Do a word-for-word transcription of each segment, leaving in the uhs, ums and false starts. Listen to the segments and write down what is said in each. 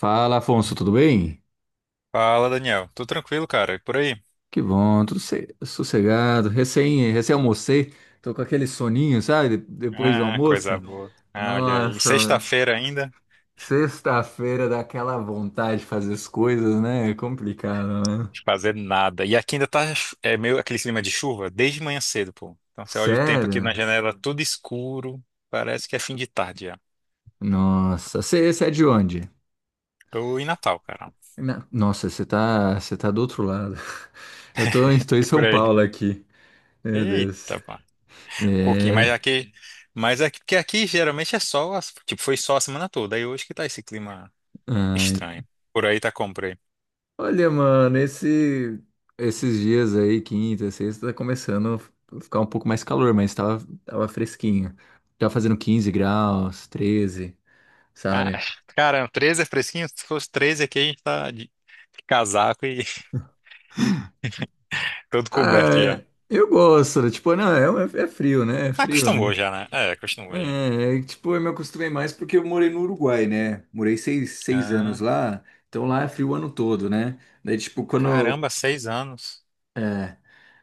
Fala, Afonso, tudo bem? Fala, Daniel. Tudo tranquilo, cara? E por aí? Que bom, tudo se- sossegado. Recém, recém almocei, tô com aquele soninho, sabe? de- Depois do Ah, coisa almoço. boa. Ah, olha aí. Nossa, Sexta-feira ainda, sexta-feira dá aquela vontade de fazer as coisas, né? É complicado, né? de fazer nada. E aqui ainda tá é meio aquele clima de chuva desde manhã cedo, pô. Então você olha o tempo aqui na Sério? janela, tudo escuro. Parece que é fim de tarde já. Nossa, você é de onde? Tô em Natal, cara. Na- Nossa, você tá, você tá do outro lado. Eu tô, em- tô em E São por aí? Paulo aqui. Meu Deus. Eita, pá. Um pouquinho, É. mas aqui. Mas aqui, porque aqui geralmente é sol, a- tipo, foi sol a semana toda. Aí hoje que tá esse clima ah, estranho. Por aí tá como por aí? Olha, mano, esse, esses dias aí, quinta, sexta, tá começando a ficar um pouco mais calor, mas tava, tava fresquinho. Tava fazendo quinze graus, treze, Ah, sabe? cara, treze é fresquinho? Se fosse treze aqui, a gente tá de de casaco e todo coberto já. Ah, eu gosto, né? Tipo, não, é, é é frio, né? É Ah, frio, acostumou né? já, né? É, acostumou já. É, é, tipo, eu me acostumei mais porque eu morei no Uruguai, né? Morei seis, seis anos Ah, lá, então lá é frio o ano todo, né? Daí, tipo, quando, caramba, seis anos. é,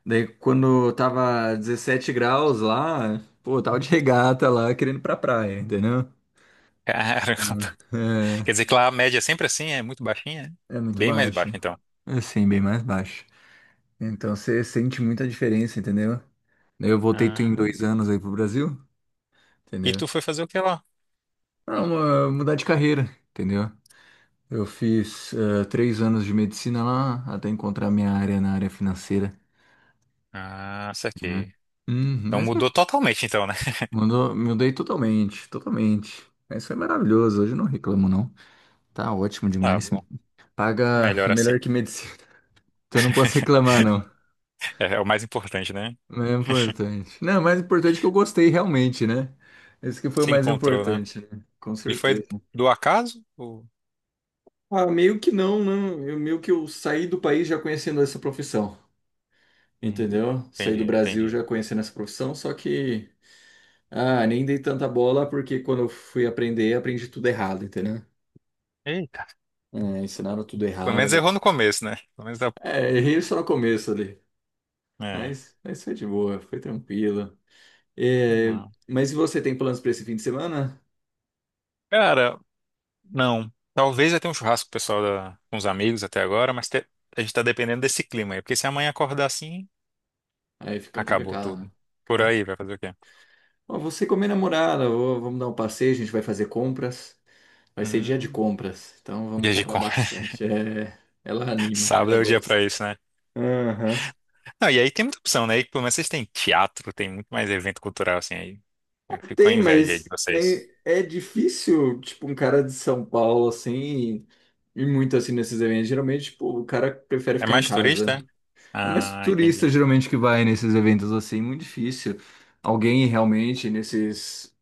Daí quando tava dezessete graus lá, pô, eu tava de regata lá querendo ir pra praia, entendeu? Caramba. É, Quer dizer que lá a média é sempre assim, é muito baixinha? É? é muito Bem mais baixo. baixa, então. Assim, bem mais baixo. Então você sente muita diferença, entendeu? Daí eu voltei tu em Ah, dois anos aí pro Brasil, e entendeu? tu foi fazer o que lá? Pra mu- mudar de carreira, entendeu? Eu fiz eh, três anos de medicina lá até encontrar minha área na área financeira, Ah, isso né? aqui. Hum, Então mas eu mudou totalmente, então, né? mudou, mudei totalmente, totalmente. Mas foi maravilhoso, hoje eu não reclamo, não. Tá ótimo Tá demais. bom. Paga Melhor assim. melhor que medicina. Então não posso reclamar, não. É, é o mais importante, né? Mas É importante. Não, o mais importante é que eu gostei realmente, né? Esse que foi o Se mais encontrou, né? importante, né? Com E foi certeza. do acaso? Ou... Ah, meio que não, né? Eu, meio que eu saí do país já conhecendo essa profissão, Hum, entendeu? Saí entendi, do Brasil já entendi. conhecendo essa profissão, só que ah, nem dei tanta bola porque quando eu fui aprender, aprendi tudo errado, entendeu? Eita. É, ensinaram tudo Pelo errado menos ali. errou no começo, né? Pelo menos dá. É, errei só no começo ali, É, mas, mas foi de boa, foi tranquilo. que É, mal. mas e você tem planos para esse fim de semana? Cara, não. Talvez eu tenha um churrasco com o pessoal da... com os amigos até agora, mas te- a gente tá dependendo desse clima aí. Porque se amanhã acordar assim, Aí fica acabou complicado, né? tudo. Por Fica- aí, vai fazer o quê? Ó, você com a minha namorada, ó, vamos dar um passeio, a gente vai fazer compras. Vai ser dia de Hum. compras, então vamos Dia de comprar com... bastante. É, ela anima, Sábado ela é o dia pra gosta. isso, né? Aham. Não, e aí tem muita opção, né? E pelo menos vocês têm teatro, tem muito mais evento cultural assim aí. Eu fico com Tem, inveja aí de mas né, vocês. é difícil, tipo, um cara de São Paulo, assim, e muito assim nesses eventos. Geralmente, tipo, o cara prefere É ficar em mais turista? casa. É? É mais Ah, turista entendi. geralmente que vai nesses eventos assim, é muito difícil. Alguém ir realmente nesses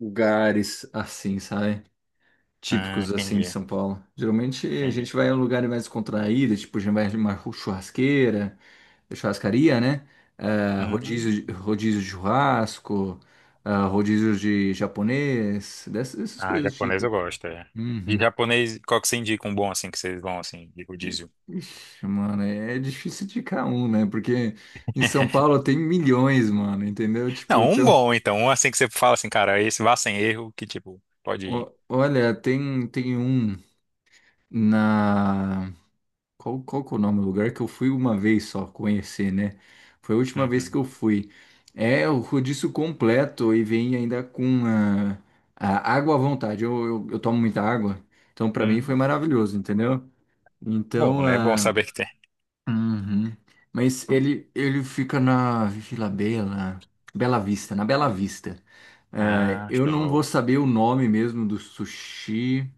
lugares assim, sabe? Ah, Típicos assim de entendi. São Paulo. Geralmente a gente Entendi. vai a um lugar mais contraído, tipo, a gente vai numa churrasqueira, churrascaria, né? Ah, Hum. rodízio, de- rodízio de churrasco, ah, rodízio de japonês, dessas, dessas Ah, coisas japonês eu tipo. gosto, é. De Uhum. japonês, qual que você indica um bom assim que vocês vão assim, de rodízio? Ixi, mano, é é difícil indicar um, né? Porque em São Paulo tem milhões, mano, entendeu? Tipo, Não, um então, bom então, um assim que você fala assim, cara, esse vá sem erro, que tipo, pode ir. o- olha, tem, tem um na. Qual, qual que é o nome do lugar que eu fui uma vez só conhecer, né? Foi a última vez que Uhum. eu fui. É o rodízio completo e vem ainda com a, a água à vontade. Eu, eu, eu tomo muita água, então pra mim foi Uhum. maravilhoso, entendeu? Bom, Então, né? Bom ah, saber que tem. uhum. Mas ele, ele fica na Vila Bela, Bela Vista, na Bela Vista. É, Ah, eu não vou show. saber o nome mesmo do sushi.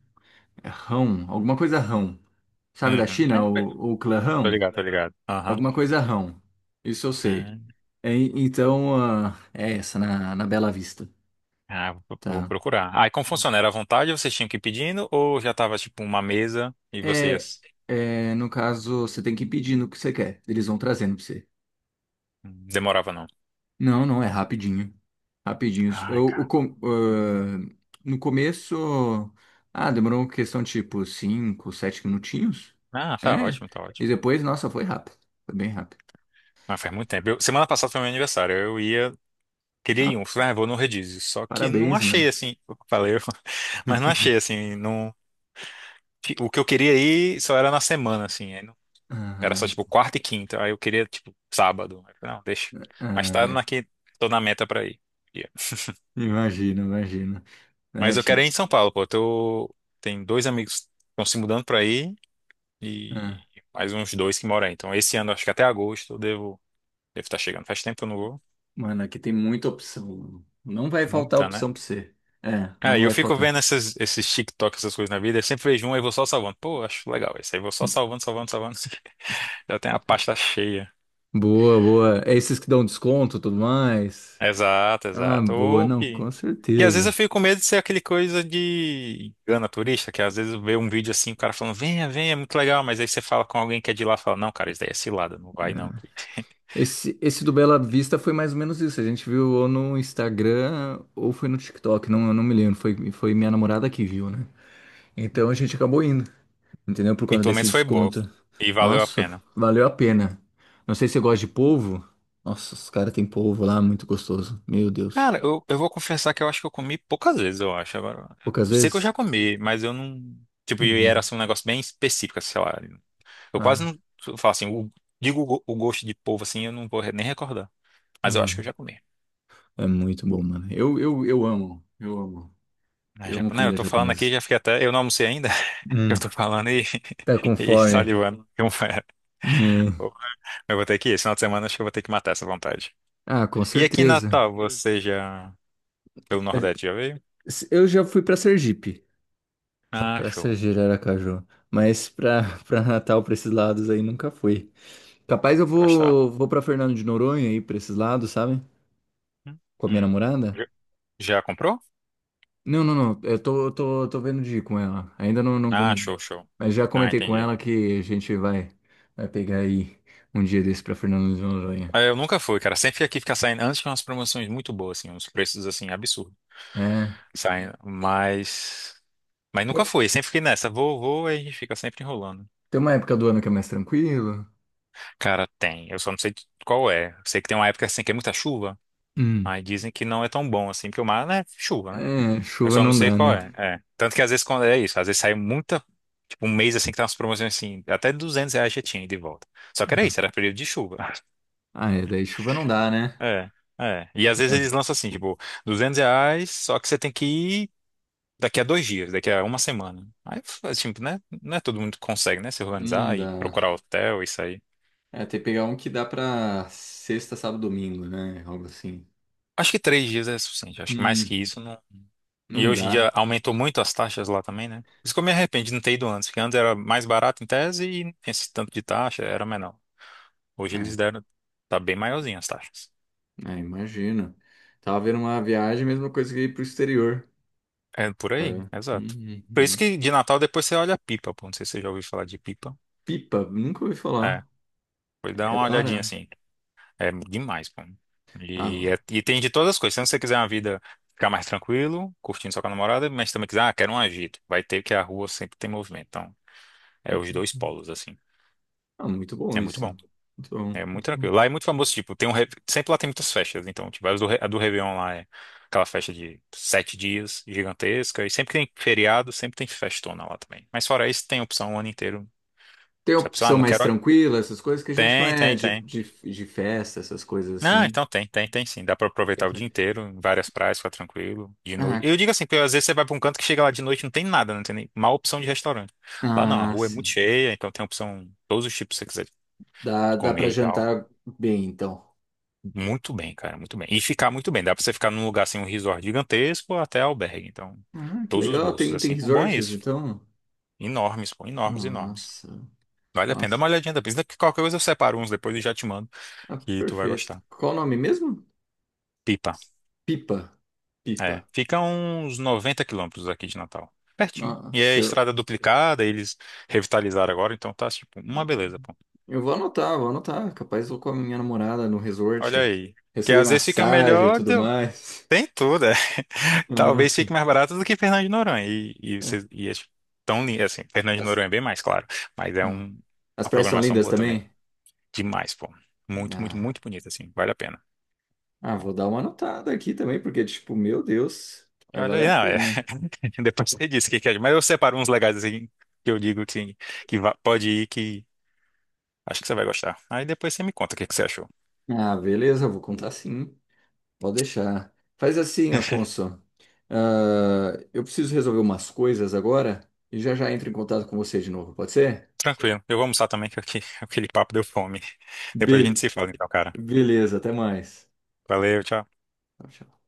É Rão, alguma coisa Rão. Sabe da Uhum. China, É, o, o clã tô Rão? ligado, tô ligado. Aham. Alguma coisa Rão. Isso eu sei. Ah, É, então, ah, é essa, na, na Bela Vista. ah, vou vou Tá. procurar. Ah, e como funciona? Era à vontade, vocês tinham que ir pedindo ou já tava tipo uma mesa e É, vocês é, no caso, você tem que ir pedindo o que você quer. Eles vão trazendo pra você. demorava não? Não, não, é rapidinho. Rapidinho. Ai, Eu, o cara. com- ah, No começo, ah, demorou uma questão tipo cinco, sete minutinhos. Ah, tá É. ótimo, tá E ótimo. depois, nossa, foi rápido. Foi bem rápido. Ah, faz muito tempo. Eu- semana passada foi meu aniversário. Eu ia. Queria ir Ah, um, falei, ah, vou no Rodízio. Só que não parabéns, mano. achei assim, eu falei, mas não achei assim, não, o que eu queria ir só era na semana, assim, aí não- era Ah, só ent- tipo quarta e quinta, aí eu queria tipo sábado. Aí eu falei, não, deixa. Mas ah, tá na É, que tô na meta pra ir. Yeah. imagino, imagino. Ah, Mas eu quero te- ir em São Paulo, pô. Eu tô, tem dois amigos que estão se mudando pra aí e ah, mais uns dois que moram aí. Então esse ano, acho que até agosto eu devo, devo estar chegando. Faz tempo que eu não vou. Mano, aqui tem muita opção. Não vai faltar Nunca, né? opção pra você. É, Cara, não e eu vai fico vendo faltar. essas, esses TikTok, essas coisas na vida, eu sempre vejo um e vou só salvando. Pô, acho legal esse aí, vou só salvando, salvando, salvando. Já tem a pasta cheia. Boa, boa. É esses que dão desconto e tudo mais. Exato, Ah, exato. boa, Ou não, que. com E às vezes certeza. eu fico com medo de ser aquele coisa de engana turista, que às vezes vê um vídeo assim, o cara falando, venha, venha, é muito legal, mas aí você fala com alguém que é de lá, fala, não, cara, isso daí é cilada, não vai não. Esse, esse do Bela Vista foi mais ou menos isso. A gente viu ou no Instagram ou foi no TikTok, não, eu não me lembro. Foi, foi minha namorada que viu, né? Então a gente acabou indo, entendeu? Por E conta pelo desse menos foi boa. desconto. E valeu a Nossa, pena. valeu a pena. Não sei se você gosta de polvo. Nossa, os caras têm polvo lá, muito gostoso. Meu Deus. Cara, eu, eu vou confessar que eu acho que eu comi poucas vezes, eu acho. Agora, Poucas sei que eu vezes? já comi, mas eu não. Tipo, e era Uhum. assim, um negócio bem específico, sei lá. Eu quase Ah, não. Eu falo assim, o- digo o, go- o gosto de polvo assim, eu não vou re- nem recordar. ah, Mas eu acho que eu já não. comi. É muito bom, mano. Eu, eu, eu amo, eu amo. Mas Eu já, amo né, eu comida tô falando aqui, japonesa. já fiquei até. Eu não almocei ainda. Eu Hum, tô falando e, tá com e fome. salivando. Como é. É. Pô, eu vou ter que ir. Esse final de semana acho que eu vou ter que matar essa vontade. Ah, com E aqui em certeza. Natal, hum, você já. Pelo Nordeste já veio? Eu já fui para Sergipe, Ah, para show. Sergipe, Aracaju, mas para para Natal, para esses lados aí nunca fui. Capaz eu Vai gostar. vou vou para Fernando de Noronha aí para esses lados, sabe? Com a minha Hum. namorada? Já já comprou? Não, não, não. Eu tô eu tô, tô vendo de ir com ela. Ainda não não Ah, show, combinei. show. Mas já Ah, comentei com entendi. ela que a gente vai vai pegar aí um dia desse para Fernando de Noronha. Ah, eu nunca fui, cara. Sempre aqui fica saindo, antes tinha umas promoções muito boas, assim, uns preços, assim, absurdos. É. Saindo, mas... Mas Tem nunca fui, sempre fiquei nessa. Vou, vou, e a gente fica sempre enrolando. tem uma época do ano que é mais tranquilo. Cara, tem. Eu só não sei qual é. Eu sei que tem uma época, assim, que é muita chuva. Hum. Aí dizem que não é tão bom, assim, porque o mar, né, chuva, né? É, Eu chuva só não não sei dá, qual né? é. É. Tanto que às vezes quando é isso, às vezes sai muita... Tipo, um mês, assim, que tá umas promoções, assim, até duzentos reais já tinha ida e de volta. Só que era isso, era período de chuva. Ah, é, daí chuva não dá, né? É, é. E às vezes Mano, eles lançam assim, tipo, duzentos reais, só que você tem que ir daqui a dois dias, daqui a uma semana. Aí, assim, né? Não é todo mundo que consegue, né? Se não organizar e dá. procurar hotel, isso aí. É, tem que pegar um que dá pra sexta, sábado, domingo, né? Algo assim. Acho que três dias é suficiente. Acho que mais que Hum, isso não. E não hoje em dia dá. aumentou muito as taxas lá também, né? Por isso que eu me arrependo de não ter ido antes, porque antes era mais barato em tese e não tinha esse tanto de taxa, era menor. Hoje Ah, eles é, deram. Tá bem maiorzinho as taxas. é, imagino. Tava vendo uma viagem, mesma coisa que ir pro exterior, É por sabe? aí, Hum, exato. hum, Por isso hum. que de Natal depois você olha a pipa, pô. Não sei se você já ouviu falar de pipa. Pipa, nunca ouvi É. falar. Foi dar É uma da olhadinha hora. assim. É demais, pô. Ah, E, é- bom. e tem de todas as coisas. Se você quiser uma vida ficar mais tranquilo, curtindo só com a namorada, mas também quiser, ah, quero um agito. Vai ter que a rua sempre tem movimento. Então, é Ok. os dois polos, assim. Ah, muito bom É muito isso. bom. Muito bom, É muito muito bom. tranquilo. Lá é muito famoso, tipo, tem um. re- Sempre lá tem muitas festas. Então, tipo, a do, Re- a do Réveillon lá é aquela festa de sete dias, gigantesca. E sempre tem feriado, sempre tem festona lá também. Mas fora isso, tem opção o ano inteiro. Tem Se a pessoa, ah, opção não mais quero. tranquila, essas coisas, que a gente não Tem, é tem, de, tem. de, de festa, essas coisas Ah, assim. então tem, tem, tem sim. Dá pra aproveitar o dia Entendi. inteiro, em várias praias, ficar tranquilo, de Ah, noite. Eu que digo assim, porque às vezes você vai pra um canto que chega lá de noite e não tem nada, não tem nem mal opção de restaurante. Lá não, a Ah, rua é muito sim. cheia, então tem opção, todos os tipos que você quiser Dá, dá comer para e tal. jantar bem, então. Muito bem, cara, muito bem. E ficar muito bem. Dá pra você ficar num lugar assim, um resort gigantesco ou até albergue. Então, Ah, que todos os legal. bolsos, Tem, tem assim. O bom é resorts, isso. então? Enormes, pô, enormes, enormes. Nossa, Vale a pena. Dá nossa. uma olhadinha depois. Daqui qualquer coisa eu separo uns depois e já te mando, Ah, que tu vai perfeito. gostar. Qual o nome mesmo? Pipa. Pipa. Pipa. É, fica uns noventa quilômetros aqui de Natal. Pertinho. E é Nossa, eu, estrada duplicada, eles revitalizaram agora, então tá tipo uma não. beleza, pô. Eu vou anotar, vou anotar. Capaz eu vou com a minha namorada no Olha resort. aí. Que Receber às vezes fica massagem e melhor, tudo do mais. tem tudo, é. Talvez Nossa. fique mais barato do que Fernando de Noronha. E, e, É. vocês- e é tipo, tão lindo, assim, Fernando de As, Noronha é bem mais, claro. Mas é ah. um- As uma praias são programação lindas boa também. também? Demais, pô. Muito, muito, Ah, muito bonito, assim. Vale a pena. Ah, vou dar uma anotada aqui também, porque, tipo, meu Deus, vai Olha valer aí, a não, é. pena. Depois você disse o que que é. Mas eu separo uns legais, assim, que eu digo que, que va- pode ir que. Acho que você vai gostar. Aí depois você me conta o que que você achou. Ah, beleza, eu vou contar sim. Pode deixar. Faz assim, Afonso. Ah, eu preciso resolver umas coisas agora e já já entro em contato com você de novo, pode ser? Tranquilo. Eu vou almoçar também, que aqui- aquele papo deu fome. Depois a gente Bel- se fala, então, cara. Beleza, até mais. Valeu, tchau. Tchau, tchau.